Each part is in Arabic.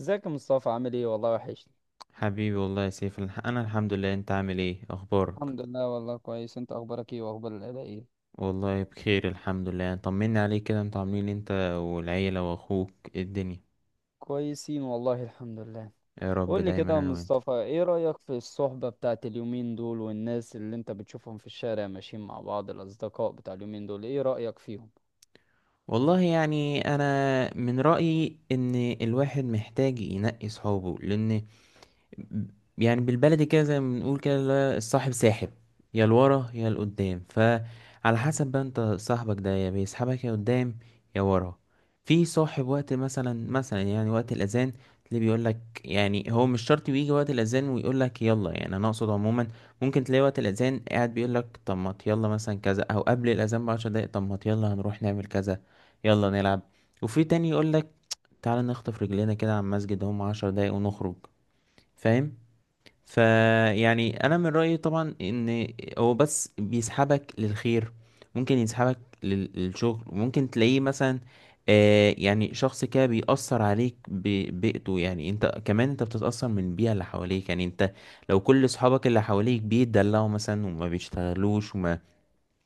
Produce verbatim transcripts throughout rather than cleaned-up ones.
ازيك يا مصطفى، عامل ايه؟ والله وحشني. حبيبي والله يا سيف، الح- انا الحمد لله. انت عامل ايه اخبارك؟ الحمد لله والله كويس. انت اخبارك ايه، واخبار العيله ايه؟ والله بخير الحمد لله. طمني عليك كده، انتوا عاملين إيه انت والعيلة واخوك؟ إيه الدنيا؟ كويسين والله الحمد لله. يا رب قول لي دايما كده يا انا وانت. مصطفى، ايه رأيك في الصحبة بتاعت اليومين دول، والناس اللي انت بتشوفهم في الشارع ماشيين مع بعض، الاصدقاء بتاع اليومين دول، ايه رأيك فيهم؟ والله يعني انا من رأيي ان الواحد محتاج ينقي صحابه، لان يعني بالبلدي كده زي ما بنقول كده، اللي هو الصاحب ساحب، يا لورا يا لقدام. فعلى حسب بقى انت صاحبك ده يا بيسحبك يا قدام يا ورا. في صاحب وقت مثلا مثلا يعني وقت الاذان تلاقيه بيقول لك، يعني هو مش شرط بيجي وقت الاذان ويقول لك يلا، يعني انا اقصد عموما ممكن تلاقي وقت الاذان قاعد بيقول لك طب ما يلا مثلا كذا، او قبل الاذان بعشر دقايق طب ما يلا هنروح نعمل كذا، يلا نلعب. وفي تاني يقول لك تعالى نخطف رجلينا كده على المسجد، هم عشر دقايق ونخرج، فاهم؟ فيعني انا من رايي طبعا ان هو بس بيسحبك للخير، ممكن يسحبك لل- للشغل. ممكن تلاقيه مثلا، آه يعني شخص كده بيأثر عليك ببيئته، يعني انت كمان انت بتتأثر من البيئة اللي حواليك. يعني انت لو كل اصحابك اللي حواليك بيتدلعوا مثلا وما بيشتغلوش وما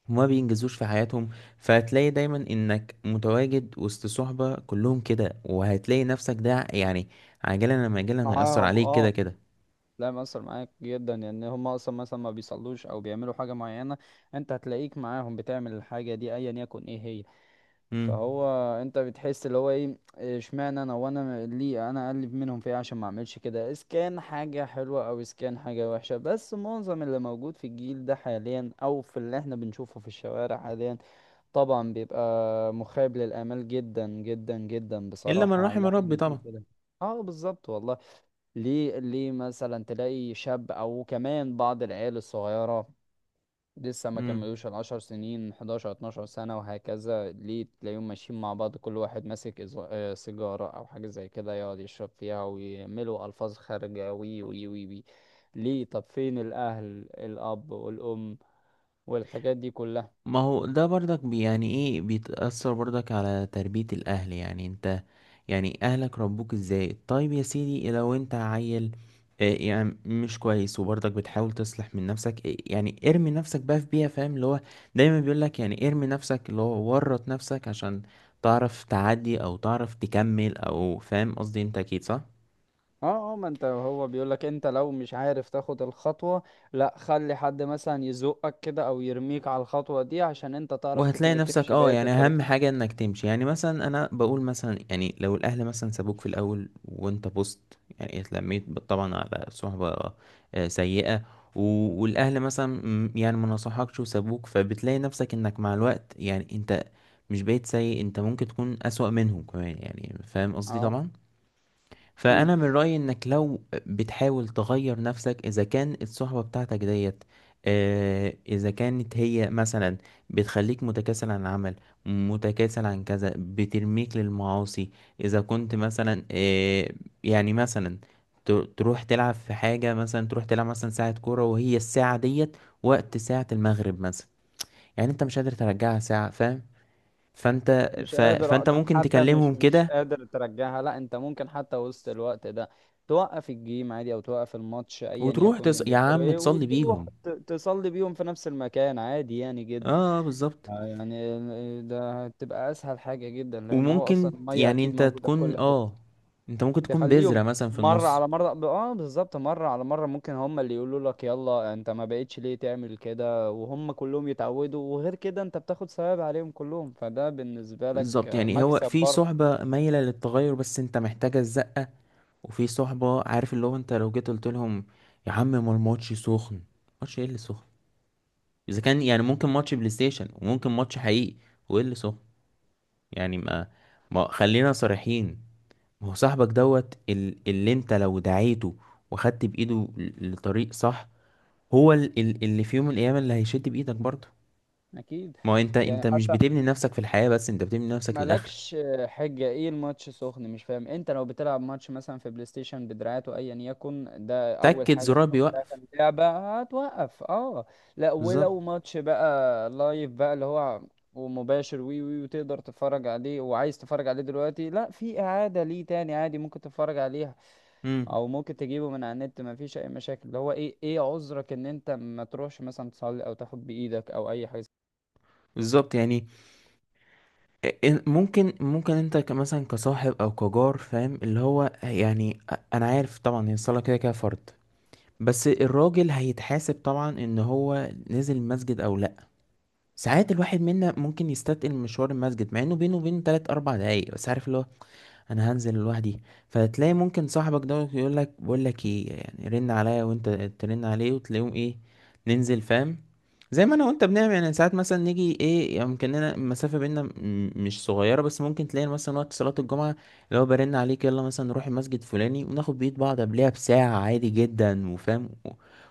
وما بينجزوش في حياتهم، فهتلاقي دايما انك متواجد وسط صحبة كلهم كده، وهتلاقي نفسك ده يعني عاجلا أم آجلا هيأثر معاهم، عليك كده اه. كده. لا مأثر معاك جدا، لان هم اصلا مثلا ما بيصلوش او بيعملوا حاجة معينة. انت هتلاقيك معاهم بتعمل الحاجة دي ايا يكن ايه هي. مم. فهو، انت بتحس اللي هو ايه، اشمعنى انا، وانا ليه انا اقلب منهم في ايه عشان ما اعملش كده؟ اذا كان حاجه حلوه، او اذا كان حاجه وحشه. بس معظم اللي موجود في الجيل ده حاليا، او في اللي احنا بنشوفه في الشوارع حاليا، طبعا بيبقى مخيب للامال جدا جدا جدا الا من بصراحه على رحم اللي احنا ربي طبعا. بنشوفه ده. اه بالظبط والله. ليه؟ ليه مثلا تلاقي شاب، او كمان بعض العيال الصغيره لسه ما امم كملوش العشر سنين، احداشر، اتناشر سنة وهكذا، ليه تلاقيهم ماشيين مع بعض، كل واحد ماسك إز- آه، سيجارة أو حاجة زي كده، يقعد يشرب فيها، ويعملوا ألفاظ خارجة وي وي وي وي؟ ليه؟ طب فين الأهل؟ الأب والأم والحاجات دي كلها؟ ما هو ده برضك بي يعني ايه، بيتأثر برضك على تربية الاهل. يعني انت يعني اهلك ربوك ازاي؟ طيب يا سيدي لو انت عيل آه، يعني مش كويس، وبرضك بتحاول تصلح من نفسك إيه، يعني ارمي نفسك بقى في بيئة، فاهم؟ اللي هو دايما بيقولك يعني ارمي نفسك، اللي هو ورط نفسك عشان تعرف تعدي او تعرف تكمل، او فاهم قصدي؟ انت اكيد صح. اه، اه. ما انت هو بيقولك انت لو مش عارف تاخد الخطوة، لا، خلي حد مثلا يزقك كده او يرميك على الخطوة دي، عشان انت تعرف تك- وهتلاقي نفسك، تمشي اه بقية يعني الطريق. اهم حاجة انك تمشي. يعني مثلا انا بقول مثلا، يعني لو الاهل مثلا سابوك في الاول وانت بوست، يعني اتلميت ب- طبعا على صحبة آه، سيئة، و- والاهل مثلا م- يعني ما نصحكش وسابوك، فبتلاقي نفسك انك مع الوقت يعني انت مش بقيت سيء، انت ممكن تكون اسوأ منهم كمان، يعني فاهم قصدي اه. طبعا. اكيد. فانا من رايي انك لو بتحاول تغير نفسك، اذا كان الصحبه بتاعتك ديت آه، اذا كانت هي مثلا بتخليك متكاسل عن العمل، متكاسل عن كذا، بترميك للمعاصي، اذا كنت مثلا آه، يعني مثلا ت- تروح تلعب في حاجه، مثلا تروح تلعب مثلا ساعه كوره وهي الساعه ديت وقت ساعه المغرب مثلا، يعني انت مش قادر ترجعها ساعه، فاهم؟ فانت مش ف... قادر أ- فانت طب ممكن حتى تكلمهم مش مش كده. قادر ترجعها. لا، انت ممكن حتى وسط الوقت ده توقف الجيم عادي، او توقف الماتش ايا وتروح تص... يكن يا بيعملوا عم ايه، تصلي وتروح بيهم. ت- تصلي بيهم في نفس المكان عادي يعني اه جدا. آه، بالظبط. آه، يعني ال- ده هتبقى اسهل حاجة جدا، لان هو اصلا وممكن المية يعني اكيد انت موجودة في كل تكون حتة. اه، انت ممكن تكون تخليهم بذرة مثلا في مرة النص. على مرة، اه بالظبط. مرة على مرة ممكن هم اللي يقولوا لك يلا، انت ما بقتش ليه تعمل كده، وهم كلهم يتعودوا. وغير كده انت بتاخد ثواب عليهم كلهم، فده بالنسبة لك بالظبط، آه، يعني هو مكسب في برضه. صحبة مايلة للتغير بس انت محتاجة الزقة، وفي صحبة عارف اللي هو انت لو جيت قلت لهم يا عم ما الماتش سخن، ماتش ايه اللي سخن؟ اذا كان يعني ممكن ماتش بلاي ستيشن وممكن ماتش حقيقي، وايه اللي سخن؟ يعني ما، ما خلينا صريحين. ما هو صاحبك دوت ال- اللي انت لو دعيته وخدت بايده ل- لطريق صح، هو ال- ال- اللي في يوم من الايام اللي هيشد بايدك برضه. اكيد. ما هو انت، يعني انت مش حتى بتبني نفسك في الحياة بس، انت بتبني نفسك للاخره. مالكش حجة، ايه الماتش سخن مش فاهم. انت لو بتلعب ماتش مثلا في بلاي ستيشن بدراعاته ايا يكن، ده اول تأكد حاجة في زرار اول ثلاثة بيوقف. اللعبة هتوقف، اه. لا، بالظبط. ولو ماتش بقى لايف بقى، اللي هو ومباشر وي وي، وتقدر تتفرج عليه، وعايز تتفرج عليه دلوقتي، لا، في اعادة ليه تاني عادي ممكن تتفرج عليها. امم. او ممكن تجيبه من على النت، مفيش اي مشاكل. اللي هو ايه ايه عذرك ان انت ما تروحش مثلا تصلي او تاخد بايدك او اي حاجة؟ بالظبط، يعني إن- ممكن ممكن انت ك- مثلا كصاحب او كجار، فاهم اللي هو؟ يعني أ- انا عارف طبعا هي الصلاة كده كده فرض، بس الراجل هيتحاسب طبعا ان هو نزل المسجد او لا. ساعات الواحد منا ممكن يستثقل مشوار المسجد، مع انه بينه وبينه تلات اربع دقايق، بس عارف اللي هو انا هنزل لوحدي. فتلاقي ممكن صاحبك ده يقول لك، بقول لك ايه، يعني رن عليا وانت ترن عليه وتلاقيهم ايه، ننزل، فاهم؟ زي ما انا وانت بنعمل، يعني ساعات مثلا نيجي ايه يعني يمكننا المسافه بينا م- مش صغيره، بس ممكن تلاقي مثلا وقت صلاه الجمعه اللي هو برن عليك، يلا مثلا نروح المسجد فلاني وناخد بيد بعض قبلها بساعه، عادي جدا. وفاهم و-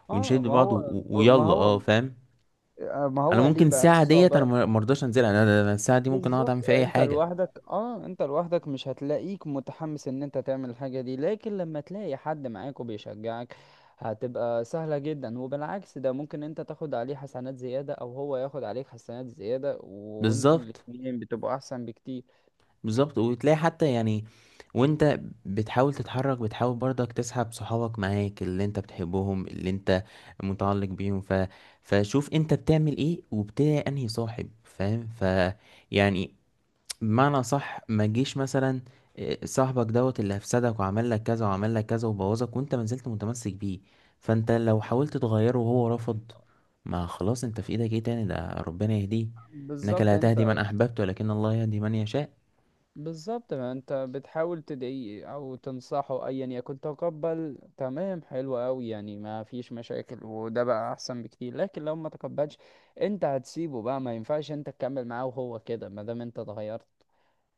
اه. ونشد ما بعض و- هو و- ما ويلا هو اه، فاهم. آه، ما انا هو ليه ممكن بقى الساعه ديت انا الصعوبة؟ ما ما ارضاش انزلها، انا أنا- أنا الساعه دي ممكن اقعد اعمل بالظبط. فيها اي انت حاجه. لوحدك، اه، انت لوحدك مش هتلاقيك متحمس ان انت تعمل الحاجة دي، لكن لما تلاقي حد معاك وبيشجعك، هتبقى سهلة جدا. وبالعكس، ده ممكن انت تاخد عليه حسنات زيادة او هو ياخد عليك حسنات زيادة، وانتوا بالظبط. الاتنين بتبقوا احسن بكتير. بالظبط وتلاقي حتى يعني، وانت بتحاول تتحرك، بتحاول برضك تسحب صحابك معاك اللي انت بتحبهم، اللي انت متعلق بيهم، ف... فشوف انت بتعمل ايه وبتلاقي انهي صاحب، فاهم؟ ف يعني بمعنى صح، ما تجيش مثلا إيه، صاحبك دوت اللي هفسدك وعمل لك كذا وعمل لك كذا وبوظك وانت ما زلت متمسك بيه. فانت لو حاولت تغيره وهو رفض، ما خلاص انت في ايدك ايه تاني؟ ده ربنا يهديه. انك بالظبط. لا تهدي من انت احببت ولكن الله يهدي من يشاء. بالظبط، ما انت بتحاول تدعيه او تنصحه ايا يكن، تقبل، تمام، حلو قوي يعني، ما فيش مشاكل، وده بقى احسن بكتير. لكن لو ما تقبلش، انت هتسيبه بقى، ما ينفعش انت تكمل معاه وهو كده. ما دام انت اتغيرت،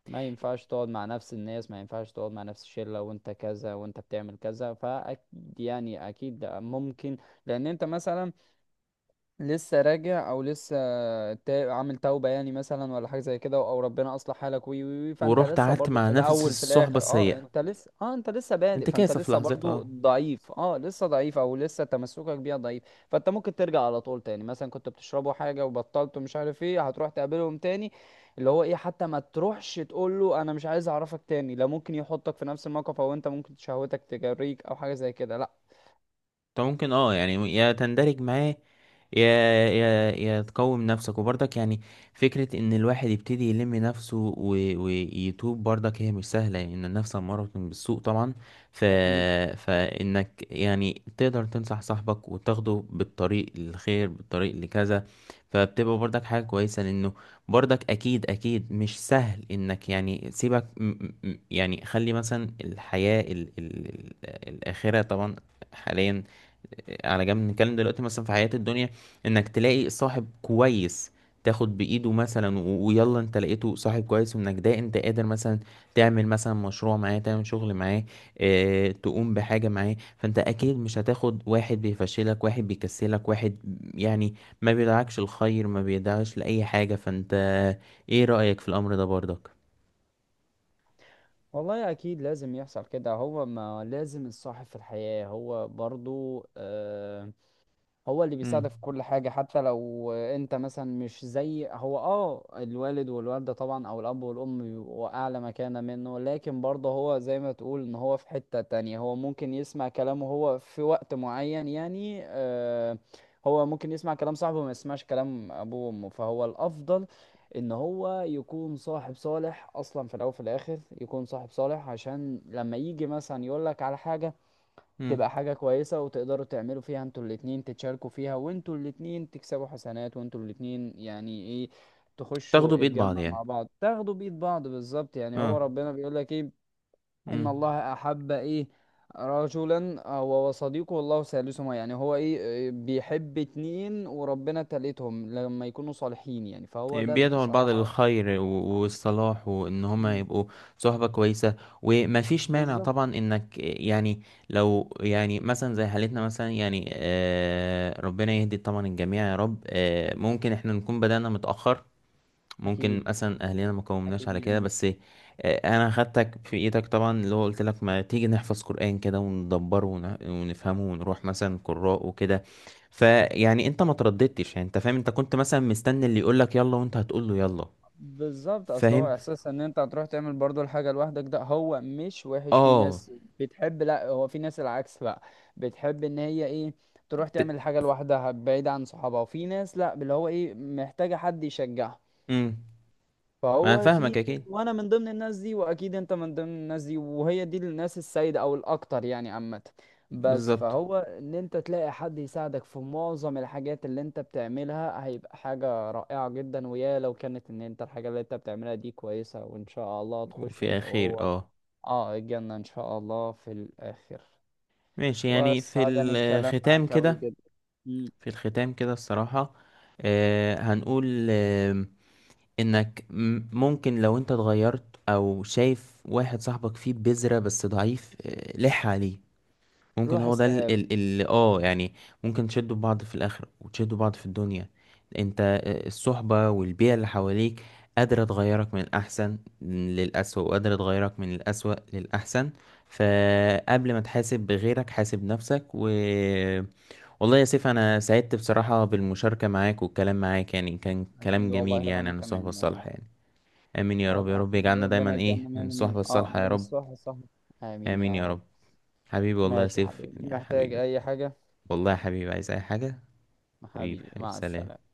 ما ينفعش تقعد مع نفس الناس، ما ينفعش تقعد مع نفس الشلة وانت كذا وانت بتعمل كذا. فاكيد يعني، اكيد ممكن، لان انت مثلا لسه راجع، او لسه تا- عامل توبة يعني مثلا، ولا حاجة زي كده، او ربنا اصلح حالك وي وي وي. فانت ورحت لسه قعدت برضو مع في نفس الاول في الصحبة الاخر، اه السيئة، انت لسه، اه انت لسه بادئ، انت فانت كاسف لسه لحظتها برضو اه. ضعيف، اه لسه ضعيف، او لسه تمسكك بيها ضعيف. فانت ممكن ترجع على طول تاني، مثلا كنت بتشربه حاجة وبطلته مش عارف ايه، هتروح تقابلهم تاني. اللي هو ايه حتى ما تروحش تقول له انا مش عايز اعرفك تاني، لا، ممكن يحطك في نفس الموقف، او انت ممكن شهوتك تجريك او حاجة زي كده، لا. انت ممكن اه يعني يا تندرج معاه، يا يا يا تقوم نفسك. وبرضك يعني فكرة ان الواحد يبتدي يلم نفسه و... ويتوب برضك هي مش سهلة، لان يعني النفس امارة بالسوء طبعا. ف... اكيد فانك يعني تقدر تنصح صاحبك وتاخده بالطريق الخير، بالطريق لكذا، فبتبقى برضك حاجة كويسة، لانه برضك اكيد، اكيد مش سهل. انك يعني سيبك م... م- يعني خلي مثلا الحياة ال... ال... ال- الاخرة طبعا حاليا على جنب، نتكلم دلوقتي مثلا في حياة الدنيا، انك تلاقي صاحب كويس، تاخد بإيده مثلا و- ويلا، انت لقيته صاحب كويس وانك ده انت قادر مثلا تعمل مثلا مشروع معاه، تعمل شغل معاه، اه تقوم بحاجة معاه. فانت اكيد مش هتاخد واحد بيفشلك، واحد بيكسلك، واحد يعني ما بيدعكش الخير، ما بيدعكش لأي حاجة. فانت ايه رأيك في الأمر ده برضك؟ والله. اكيد لازم يحصل كده، هو ما لازم الصاحب في الحياة هو برضو آه، هو اللي مم. بيساعدك في كل حاجة. حتى لو انت مثلا مش زي هو، اه الوالد والوالدة طبعا او الاب والام بيبقوا اعلى مكانة منه، لكن برضه هو زي ما تقول ان هو في حتة تانية، هو ممكن يسمع كلامه هو في وقت معين يعني آه، هو ممكن يسمع كلام صاحبه وما يسمعش كلام ابوه وامه. فهو الافضل ان هو يكون صاحب صالح اصلا، في الاول وفي الاخر يكون صاحب صالح، عشان لما يجي مثلا يقولك على حاجة، مم. تبقى حاجة كويسة، وتقدروا تعملوا فيها انتوا الاتنين، تتشاركوا فيها، وانتوا الاتنين تكسبوا حسنات، وانتوا الاتنين يعني ايه، تخشوا تاخدوا بإيد بعض الجنة مع يعني. بعض، تاخدوا بإيد بعض، بالظبط. يعني هو اه. ربنا بيقول لك ايه، ان مم. الله احب ايه، رجلا هو وصديقه والله ثالثهما، يعني هو ايه إيه، بيحب اتنين وربنا تالتهم لما يكونوا صالحين يعني. فهو يعني ده بيدعوا البعض بصراحة. للخير و- والصلاح، وان هما مم. يبقوا صحبة كويسة. ومفيش مانع بالظبط. طبعا انك يعني لو يعني مثلا زي حالتنا مثلا يعني آه، ربنا يهدي طبعا الجميع يا رب، آه، ممكن احنا نكون بدأنا متأخر، ممكن اكيد مثلا اهلنا ما قومناش اكيد على كده جدا. بس، آه، انا خدتك في ايدك طبعا، اللي هو قلت لك ما تيجي نحفظ قرآن كده وندبره ون- ونفهمه، ونروح مثلا قراء وكده. فيعني انت ما ترددتش، يعني انت فاهم انت كنت مثلا مستني اللي يقول لك يلا وانت هتقول له يلا. بالظبط. اصل هو فاهم. احساس ان انت هتروح تعمل برضو الحاجه لوحدك ده، هو مش وحش، في اه. ناس بتحب. لا، هو في ناس العكس بقى، بتحب ان هي ايه تروح ت... تعمل الحاجه لوحدها بعيد عن صحابها. وفي ناس لا، اللي هو ايه، محتاجه حد يشجعها. امم. ما انا فهو في فاهمك ناس- اكيد. وانا من ضمن الناس دي، واكيد انت من ضمن الناس دي، وهي دي الناس السيدة او الاكتر يعني عامة. بس بالظبط. فهو ان انت تلاقي حد يساعدك في معظم الحاجات اللي انت بتعملها، هيبقى حاجة رائعة جدا. ويا لو كانت ان انت الحاجة اللي انت بتعملها دي كويسة، وان شاء الله تخش وفي انت اخير وهو اه. اه الجنة ان شاء الله في الاخر. ماشي، يعني في وسعدني الكلام الختام معاك اوي كده. جدا. مم. في الختام كده الصراحة آه هنقول انك م- ممكن لو انت اتغيرت، او شايف واحد صاحبك فيه بذرة بس ضعيف، آه، لح عليه. ممكن روح هو ده ال- اسأله. ال- اللي اه يعني ممكن تشدوا بعض في الاخر وتشدوا بعض في الدنيا. انت آه، الصحبة والبيئة اللي حواليك قادرة تغيرك من الأحسن للأسوأ، وقادرة تغيرك من الأسوأ للأحسن. فقبل ما تحاسب بغيرك حاسب نفسك. و والله يا سيف أنا سعدت بصراحة بالمشاركة معاك والكلام معاك، يعني كان كلام اكيد جميل والله، يعني وانا عن الصحبة كمان الصالحة والله. يعني. امين يا رب، يا والله رب يجعلنا ربنا دايما ايه يجعلنا من من من- الصحبة اه الصالحة يا من رب. الصح الصح. امين امين يا يا رب. رب. حبيبي والله يا ماشي يا سيف، حبيبي، يعني يا محتاج حبيبي. اي حاجة؟ والله يا حبيبي عايز اي حاجة. حبيبي حبيبي حبيبي مع سلام. السلامة.